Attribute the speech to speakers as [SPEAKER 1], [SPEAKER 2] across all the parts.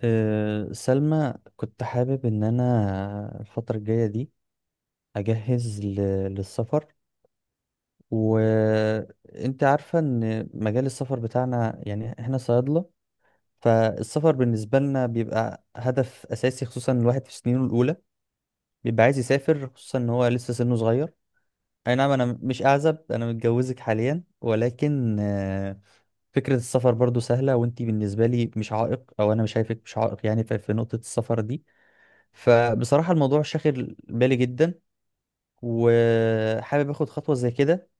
[SPEAKER 1] أه سلمى، كنت حابب إن أنا الفترة الجاية دي أجهز للسفر. وأنت عارفة إن مجال السفر بتاعنا يعني إحنا صيادلة، فالسفر بالنسبة لنا بيبقى هدف أساسي، خصوصا الواحد في سنينه الأولى بيبقى عايز يسافر، خصوصا إن هو لسه سنه صغير. أي نعم أنا مش أعزب، أنا متجوزك حاليا، ولكن فكرة السفر برضو سهلة، وانتي بالنسبة لي مش عائق، او انا مش شايفك مش عائق يعني في نقطة السفر دي. فبصراحة الموضوع شاغل بالي جدا، وحابب اخد خطوة زي كده،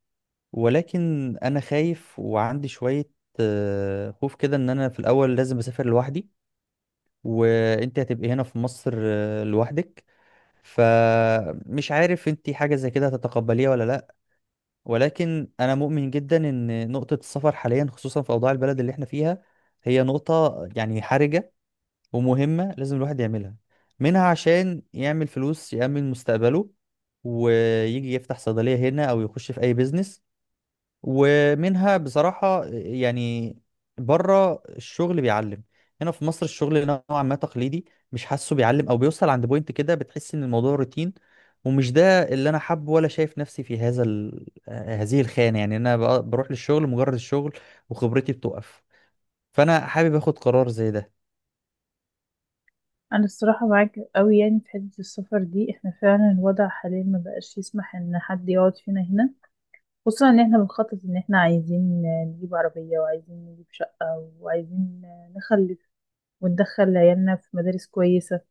[SPEAKER 1] ولكن انا خايف وعندي شوية خوف كده، ان انا في الاول لازم اسافر لوحدي وانت هتبقي هنا في مصر لوحدك. فمش عارف انت حاجة زي كده هتتقبليها ولا لا. ولكن انا مؤمن جدا ان نقطة السفر حاليا، خصوصا في اوضاع البلد اللي احنا فيها، هي نقطة يعني حرجة ومهمة لازم الواحد يعملها. منها عشان يعمل فلوس يأمن مستقبله ويجي يفتح صيدلية هنا أو يخش في أي بيزنس، ومنها بصراحة يعني بره الشغل بيعلم. هنا في مصر الشغل نوعا ما تقليدي، مش حاسه بيعلم أو بيوصل عند بوينت كده بتحس إن الموضوع روتين. ومش ده اللي أنا حابه، ولا شايف نفسي في هذه الخانة، يعني أنا بروح للشغل مجرد الشغل وخبرتي بتوقف. فأنا حابب آخد قرار زي ده.
[SPEAKER 2] انا الصراحه معاك قوي يعني في حته السفر دي، احنا فعلا الوضع حاليا ما بقاش يسمح ان حد يقعد فينا هنا. خصوصا ان احنا بنخطط ان احنا عايزين نجيب عربيه وعايزين نجيب شقه وعايزين نخلف وندخل عيالنا في مدارس كويسه.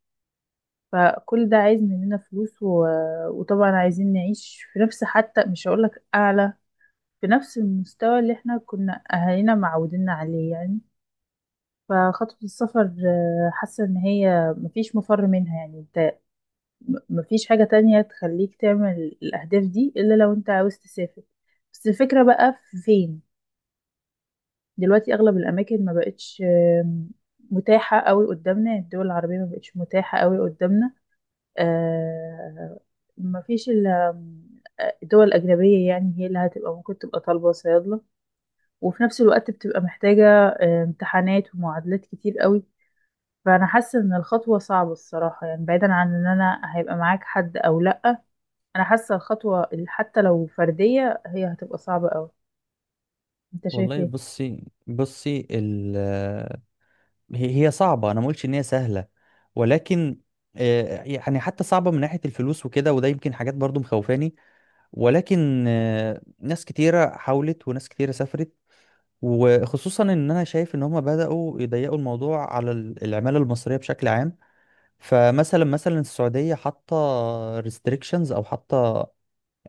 [SPEAKER 2] فكل ده عايز مننا فلوس وطبعا عايزين نعيش في نفس حتى مش هقولك اعلى، في نفس المستوى اللي احنا كنا اهالينا معوديننا عليه يعني. فخطوه السفر آه، حاسه ان هي مفيش مفر منها يعني. مفيش حاجة تانية تخليك تعمل الأهداف دي إلا لو أنت عاوز تسافر. بس الفكرة بقى في فين؟ دلوقتي أغلب الأماكن ما بقتش آم، متاحة قوي قدامنا. يعني الدول العربية ما بقتش متاحة قوي قدامنا. آه، مفيش إلا الدول الأجنبية. يعني هي اللي هتبقى ممكن تبقى طالبة صيادلة، وفي نفس الوقت بتبقى محتاجة آه، امتحانات ومعادلات كتير قوي. فأنا حاسة إن الخطوة صعبة الصراحة، يعني بعيدا عن إن أنا هيبقى معاك حد أو لأ، انا حاسه حتى لو فرديه هي هتبقى صعبه قوي. انت شايف
[SPEAKER 1] والله
[SPEAKER 2] ايه؟
[SPEAKER 1] بصي هي صعبة، أنا ما قلتش إن هي سهلة، ولكن يعني حتى صعبة من ناحية الفلوس وكده، وده يمكن حاجات برضو مخوفاني. ولكن ناس كتيرة حاولت وناس كتيرة سافرت، وخصوصا إن أنا شايف إن هما بدأوا يضيقوا الموضوع على العمالة المصرية بشكل عام. فمثلا السعودية حاطة restrictions أو حاطة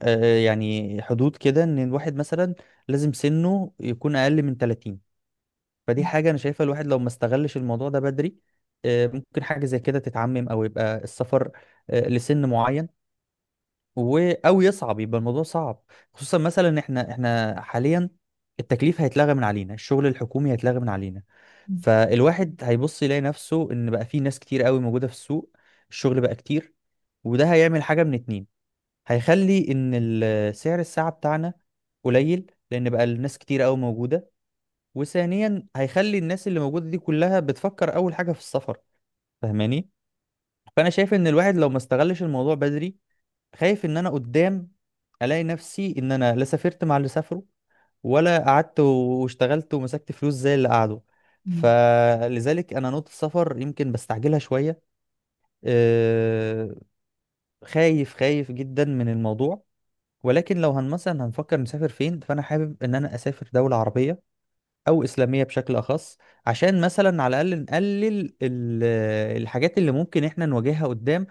[SPEAKER 1] يعني حدود كده، إن الواحد مثلا لازم سنه يكون أقل من 30. فدي
[SPEAKER 2] مم.
[SPEAKER 1] حاجة أنا شايفها، الواحد لو ما استغلش الموضوع ده بدري، ممكن حاجة زي كده تتعمم أو يبقى السفر لسن معين أو يصعب يبقى الموضوع صعب. خصوصا مثلا إن إحنا حاليا التكليف هيتلغى من علينا، الشغل الحكومي هيتلغى من علينا.
[SPEAKER 2] مم.
[SPEAKER 1] فالواحد هيبص يلاقي نفسه إن بقى في ناس كتير قوي موجودة في السوق، الشغل بقى كتير، وده هيعمل حاجة من اتنين. هيخلي إن سعر الساعة بتاعنا قليل لأن بقى الناس كتير قوي موجودة، وثانيا هيخلي الناس اللي موجودة دي كلها بتفكر أول حاجة في السفر، فاهماني؟ فأنا شايف إن الواحد لو ما استغلش الموضوع بدري، خايف إن أنا قدام ألاقي نفسي إن أنا لا سافرت مع اللي سافروا، ولا قعدت واشتغلت ومسكت فلوس زي اللي قعدوا.
[SPEAKER 2] مم.
[SPEAKER 1] فلذلك أنا نقطة السفر يمكن بستعجلها شوية. أه، خايف جدا من الموضوع. ولكن لو هن مثلا هنفكر نسافر فين، فأنا حابب إن أنا أسافر دولة عربية او اسلاميه بشكل اخص، عشان مثلا على الاقل نقلل الحاجات اللي ممكن احنا نواجهها قدام.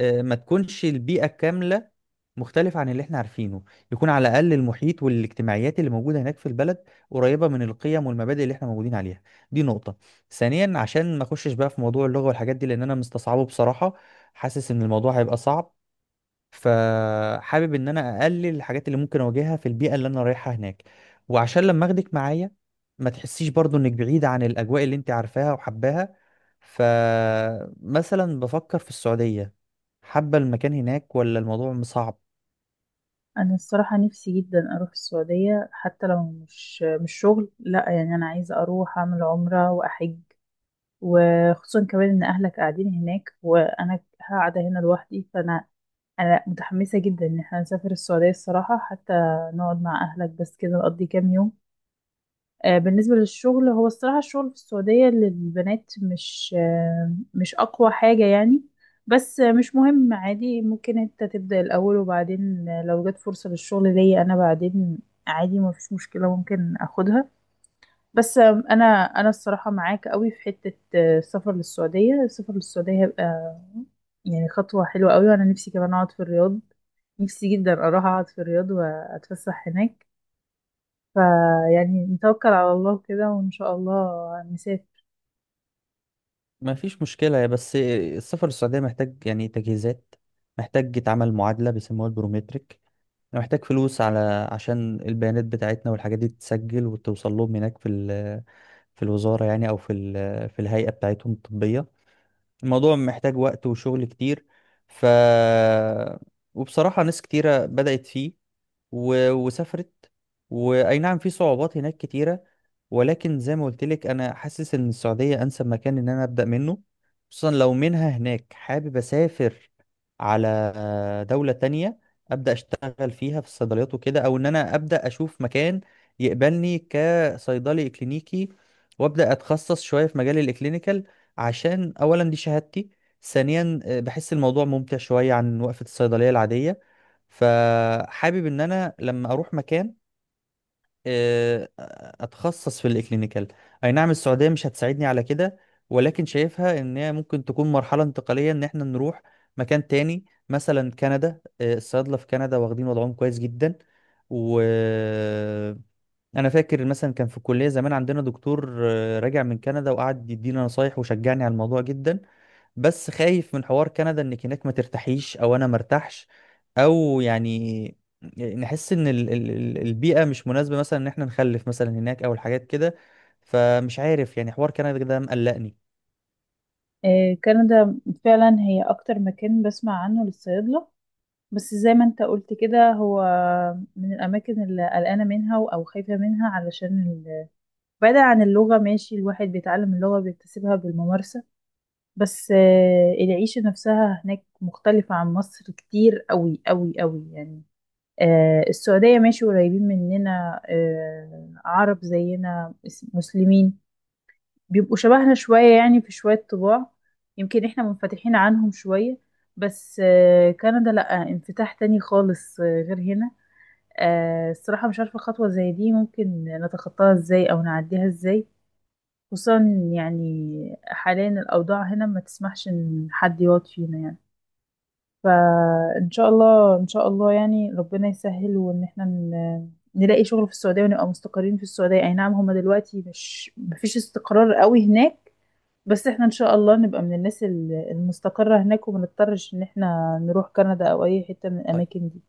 [SPEAKER 1] ما تكونش البيئه كامله مختلفه عن اللي احنا عارفينه، يكون على الاقل المحيط والاجتماعيات اللي موجوده هناك في البلد قريبه من القيم والمبادئ اللي احنا موجودين عليها. دي نقطه. ثانيا عشان ما اخشش بقى في موضوع اللغه والحاجات دي، لان انا مستصعبه بصراحه، حاسس ان الموضوع هيبقى صعب، فحابب ان انا اقلل الحاجات اللي ممكن اواجهها في البيئه اللي انا رايحها هناك. وعشان لما اخدك معايا ما تحسيش برضو انك بعيده عن الاجواء اللي انت عارفاها وحباها. فمثلا بفكر في السعوديه، حابه المكان هناك ولا الموضوع صعب؟
[SPEAKER 2] انا الصراحه نفسي جدا اروح السعوديه. حتى لو مش شغل، لا، يعني انا عايزه اروح اعمل عمره واحج. وخصوصا كمان ان اهلك قاعدين هناك وانا قاعده هنا لوحدي، فانا انا متحمسه جدا ان احنا نسافر السعوديه الصراحه، حتى نقعد مع اهلك بس كده، نقضي كام يوم. آه، بالنسبة للشغل، هو الصراحة الشغل في السعودية للبنات مش آه، مش أقوى حاجة يعني. بس آه، مش مهم، عادي، ممكن انت تبدأ الأول، وبعدين آه، لو جت فرصة للشغل ليا أنا بعدين، عادي ما فيش مشكلة، ممكن أخدها. بس آه، أنا أنا الصراحة معاك قوي في حتة آه، السفر للسعودية. السفر للسعودية هيبقى يعني خطوة حلوة قوي، وأنا نفسي كمان أقعد في الرياض. نفسي جدا أروح أقعد في الرياض وأتفسح هناك. فيعني نتوكل على الله كده وإن شاء الله نسافر.
[SPEAKER 1] ما فيش مشكله يا بس السفر للسعوديه محتاج يعني تجهيزات، محتاج يتعمل معادله بيسموها البروميتريك. أنا محتاج فلوس على عشان البيانات بتاعتنا والحاجات دي تتسجل وتوصل لهم هناك في في الوزارة، يعني أو في في الهيئة بتاعتهم الطبية. الموضوع محتاج وقت وشغل كتير. ف وبصراحة ناس كتيرة بدأت فيه وسافرت. واي نعم في صعوبات هناك كتيره، ولكن زي ما قلت لك انا حاسس ان السعوديه انسب مكان ان انا ابدا منه، خصوصا لو منها هناك حابب اسافر على دوله تانية ابدا اشتغل فيها في الصيدليات وكده، او ان انا ابدا اشوف مكان يقبلني كصيدلي اكلينيكي وابدا اتخصص شويه في مجال الاكلينيكال. عشان اولا دي شهادتي، ثانيا بحس الموضوع ممتع شويه عن وقفه الصيدليه العاديه. فحابب ان انا لما اروح مكان آه، اتخصص في الاكلينيكال. اي نعم السعوديه مش هتساعدني على كده، ولكن شايفها ان هي ممكن تكون مرحله انتقاليه ان احنا نروح مكان تاني مثلا كندا. الصيادله في كندا واخدين وضعهم كويس جدا. وانا فاكر مثلا كان في الكليه زمان عندنا دكتور راجع من كندا، وقعد يدينا نصايح وشجعني على الموضوع جدا. بس خايف من حوار كندا، انك هناك ما ترتاحيش او انا مرتاحش، او يعني نحس ان البيئة مش مناسبة، مثلا ان احنا نخلف مثلا هناك، او الحاجات كده. فمش عارف يعني حوار كندا ده مقلقني.
[SPEAKER 2] آه، كندا فعلا هي أكتر مكان بسمع عنه للصيادلة. بس زي ما انت قلت كده، هو من الأماكن اللي قلقانة منها أو خايفة منها، بعيدا عن اللغة، ماشي، الواحد بيتعلم اللغة بيكتسبها بالممارسة. بس آه، العيشة نفسها هناك مختلفة عن مصر كتير قوي قوي قوي يعني. آه، السعودية ماشي، قريبين مننا، آه، عرب زينا، مسلمين، بيبقوا شبهنا شوية يعني في شوية طباع. يمكن احنا منفتحين عنهم شوية. بس آه، كندا لأ، انفتاح تاني خالص آه، غير هنا. آه، الصراحة مش عارفة خطوة زي دي ممكن نتخطاها ازاي أو نعديها ازاي. خصوصا يعني حاليا الأوضاع هنا ما تسمحش إن حد يقعد فينا يعني. فإن شاء الله، إن شاء الله يعني ربنا يسهل، وإن احنا نلاقي شغل في السعودية ونبقى مستقرين في السعودية. أي نعم هما دلوقتي مش مفيش استقرار قوي هناك، بس احنا ان شاء الله نبقى من المستقرة هناك، وما نضطرش ان احنا نروح كندا او اي حتة من
[SPEAKER 1] طيب،
[SPEAKER 2] الاماكن دي.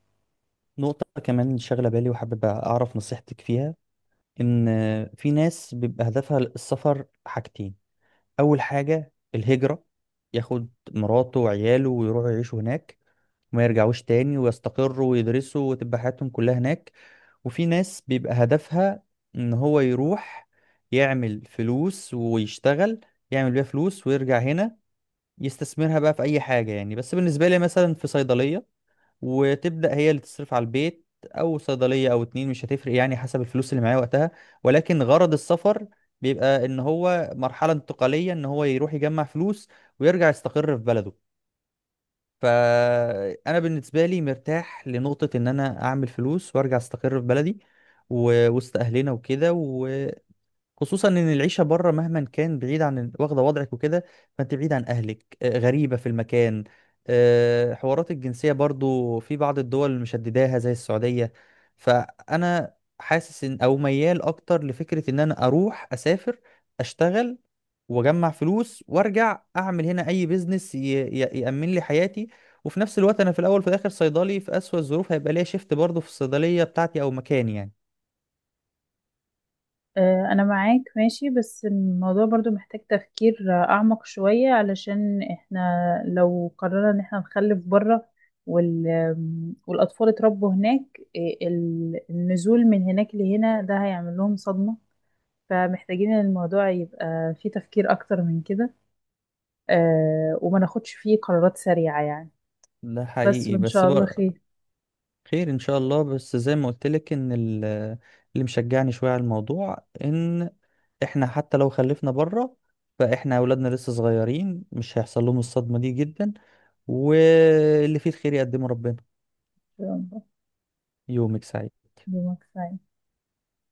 [SPEAKER 1] نقطة كمان شاغلة بالي وحابب اعرف نصيحتك فيها، ان في ناس بيبقى هدفها السفر حاجتين. اول حاجة الهجرة، ياخد مراته وعياله ويروحوا يعيشوا هناك وما يرجعوش تاني، ويستقروا ويدرسوا وتبقى حياتهم كلها هناك. وفي ناس بيبقى هدفها ان هو يروح يعمل فلوس ويشتغل، يعمل بيها فلوس ويرجع هنا يستثمرها بقى في اي حاجة، يعني بس بالنسبة لي مثلا في صيدلية، وتبدأ هي اللي تصرف على البيت، او صيدلية او اتنين مش هتفرق يعني، حسب الفلوس اللي معايا وقتها. ولكن غرض السفر بيبقى ان هو مرحلة انتقالية، ان هو يروح يجمع فلوس ويرجع يستقر في بلده. فانا بالنسبه لي مرتاح لنقطه ان انا اعمل فلوس وارجع استقر في بلدي وسط اهلنا وكده. خصوصا ان العيشه بره مهما كان بعيد عن واخده وضعك وكده، فانت بعيد عن اهلك، غريبه في المكان، حوارات الجنسيه برضو في بعض الدول مشدداها زي السعوديه. فانا حاسس ان او ميال اكتر لفكره ان انا اروح اسافر اشتغل واجمع فلوس وارجع اعمل هنا اي بيزنس يامن لي حياتي. وفي نفس الوقت انا في الاول وفي الاخر صيدلي، في اسوأ الظروف هيبقى ليا شيفت برضو في الصيدليه بتاعتي او مكاني يعني.
[SPEAKER 2] آه، انا معاك ماشي، بس الموضوع برضو محتاج تفكير آه، اعمق شوية، علشان احنا لو قررنا ان احنا نخلف بره آم، والاطفال اتربوا هناك آه، النزول من هناك لهنا ده هيعمل لهم صدمة. فمحتاجين ان الموضوع يبقى فيه تفكير اكتر من كده آه، وما ناخدش فيه قرارات سريعة يعني.
[SPEAKER 1] ده
[SPEAKER 2] بس
[SPEAKER 1] حقيقي
[SPEAKER 2] وان
[SPEAKER 1] بس.
[SPEAKER 2] شاء الله خير.
[SPEAKER 1] خير ان شاء الله. بس زي ما قلت لك ان اللي مشجعني شويه على الموضوع ان احنا حتى لو خلفنا بره، فاحنا اولادنا لسه صغيرين مش هيحصل لهم الصدمه دي جدا. واللي فيه الخير يقدمه ربنا.
[SPEAKER 2] إن شاء الله.
[SPEAKER 1] يومك سعيد.
[SPEAKER 2] يومك سعيد.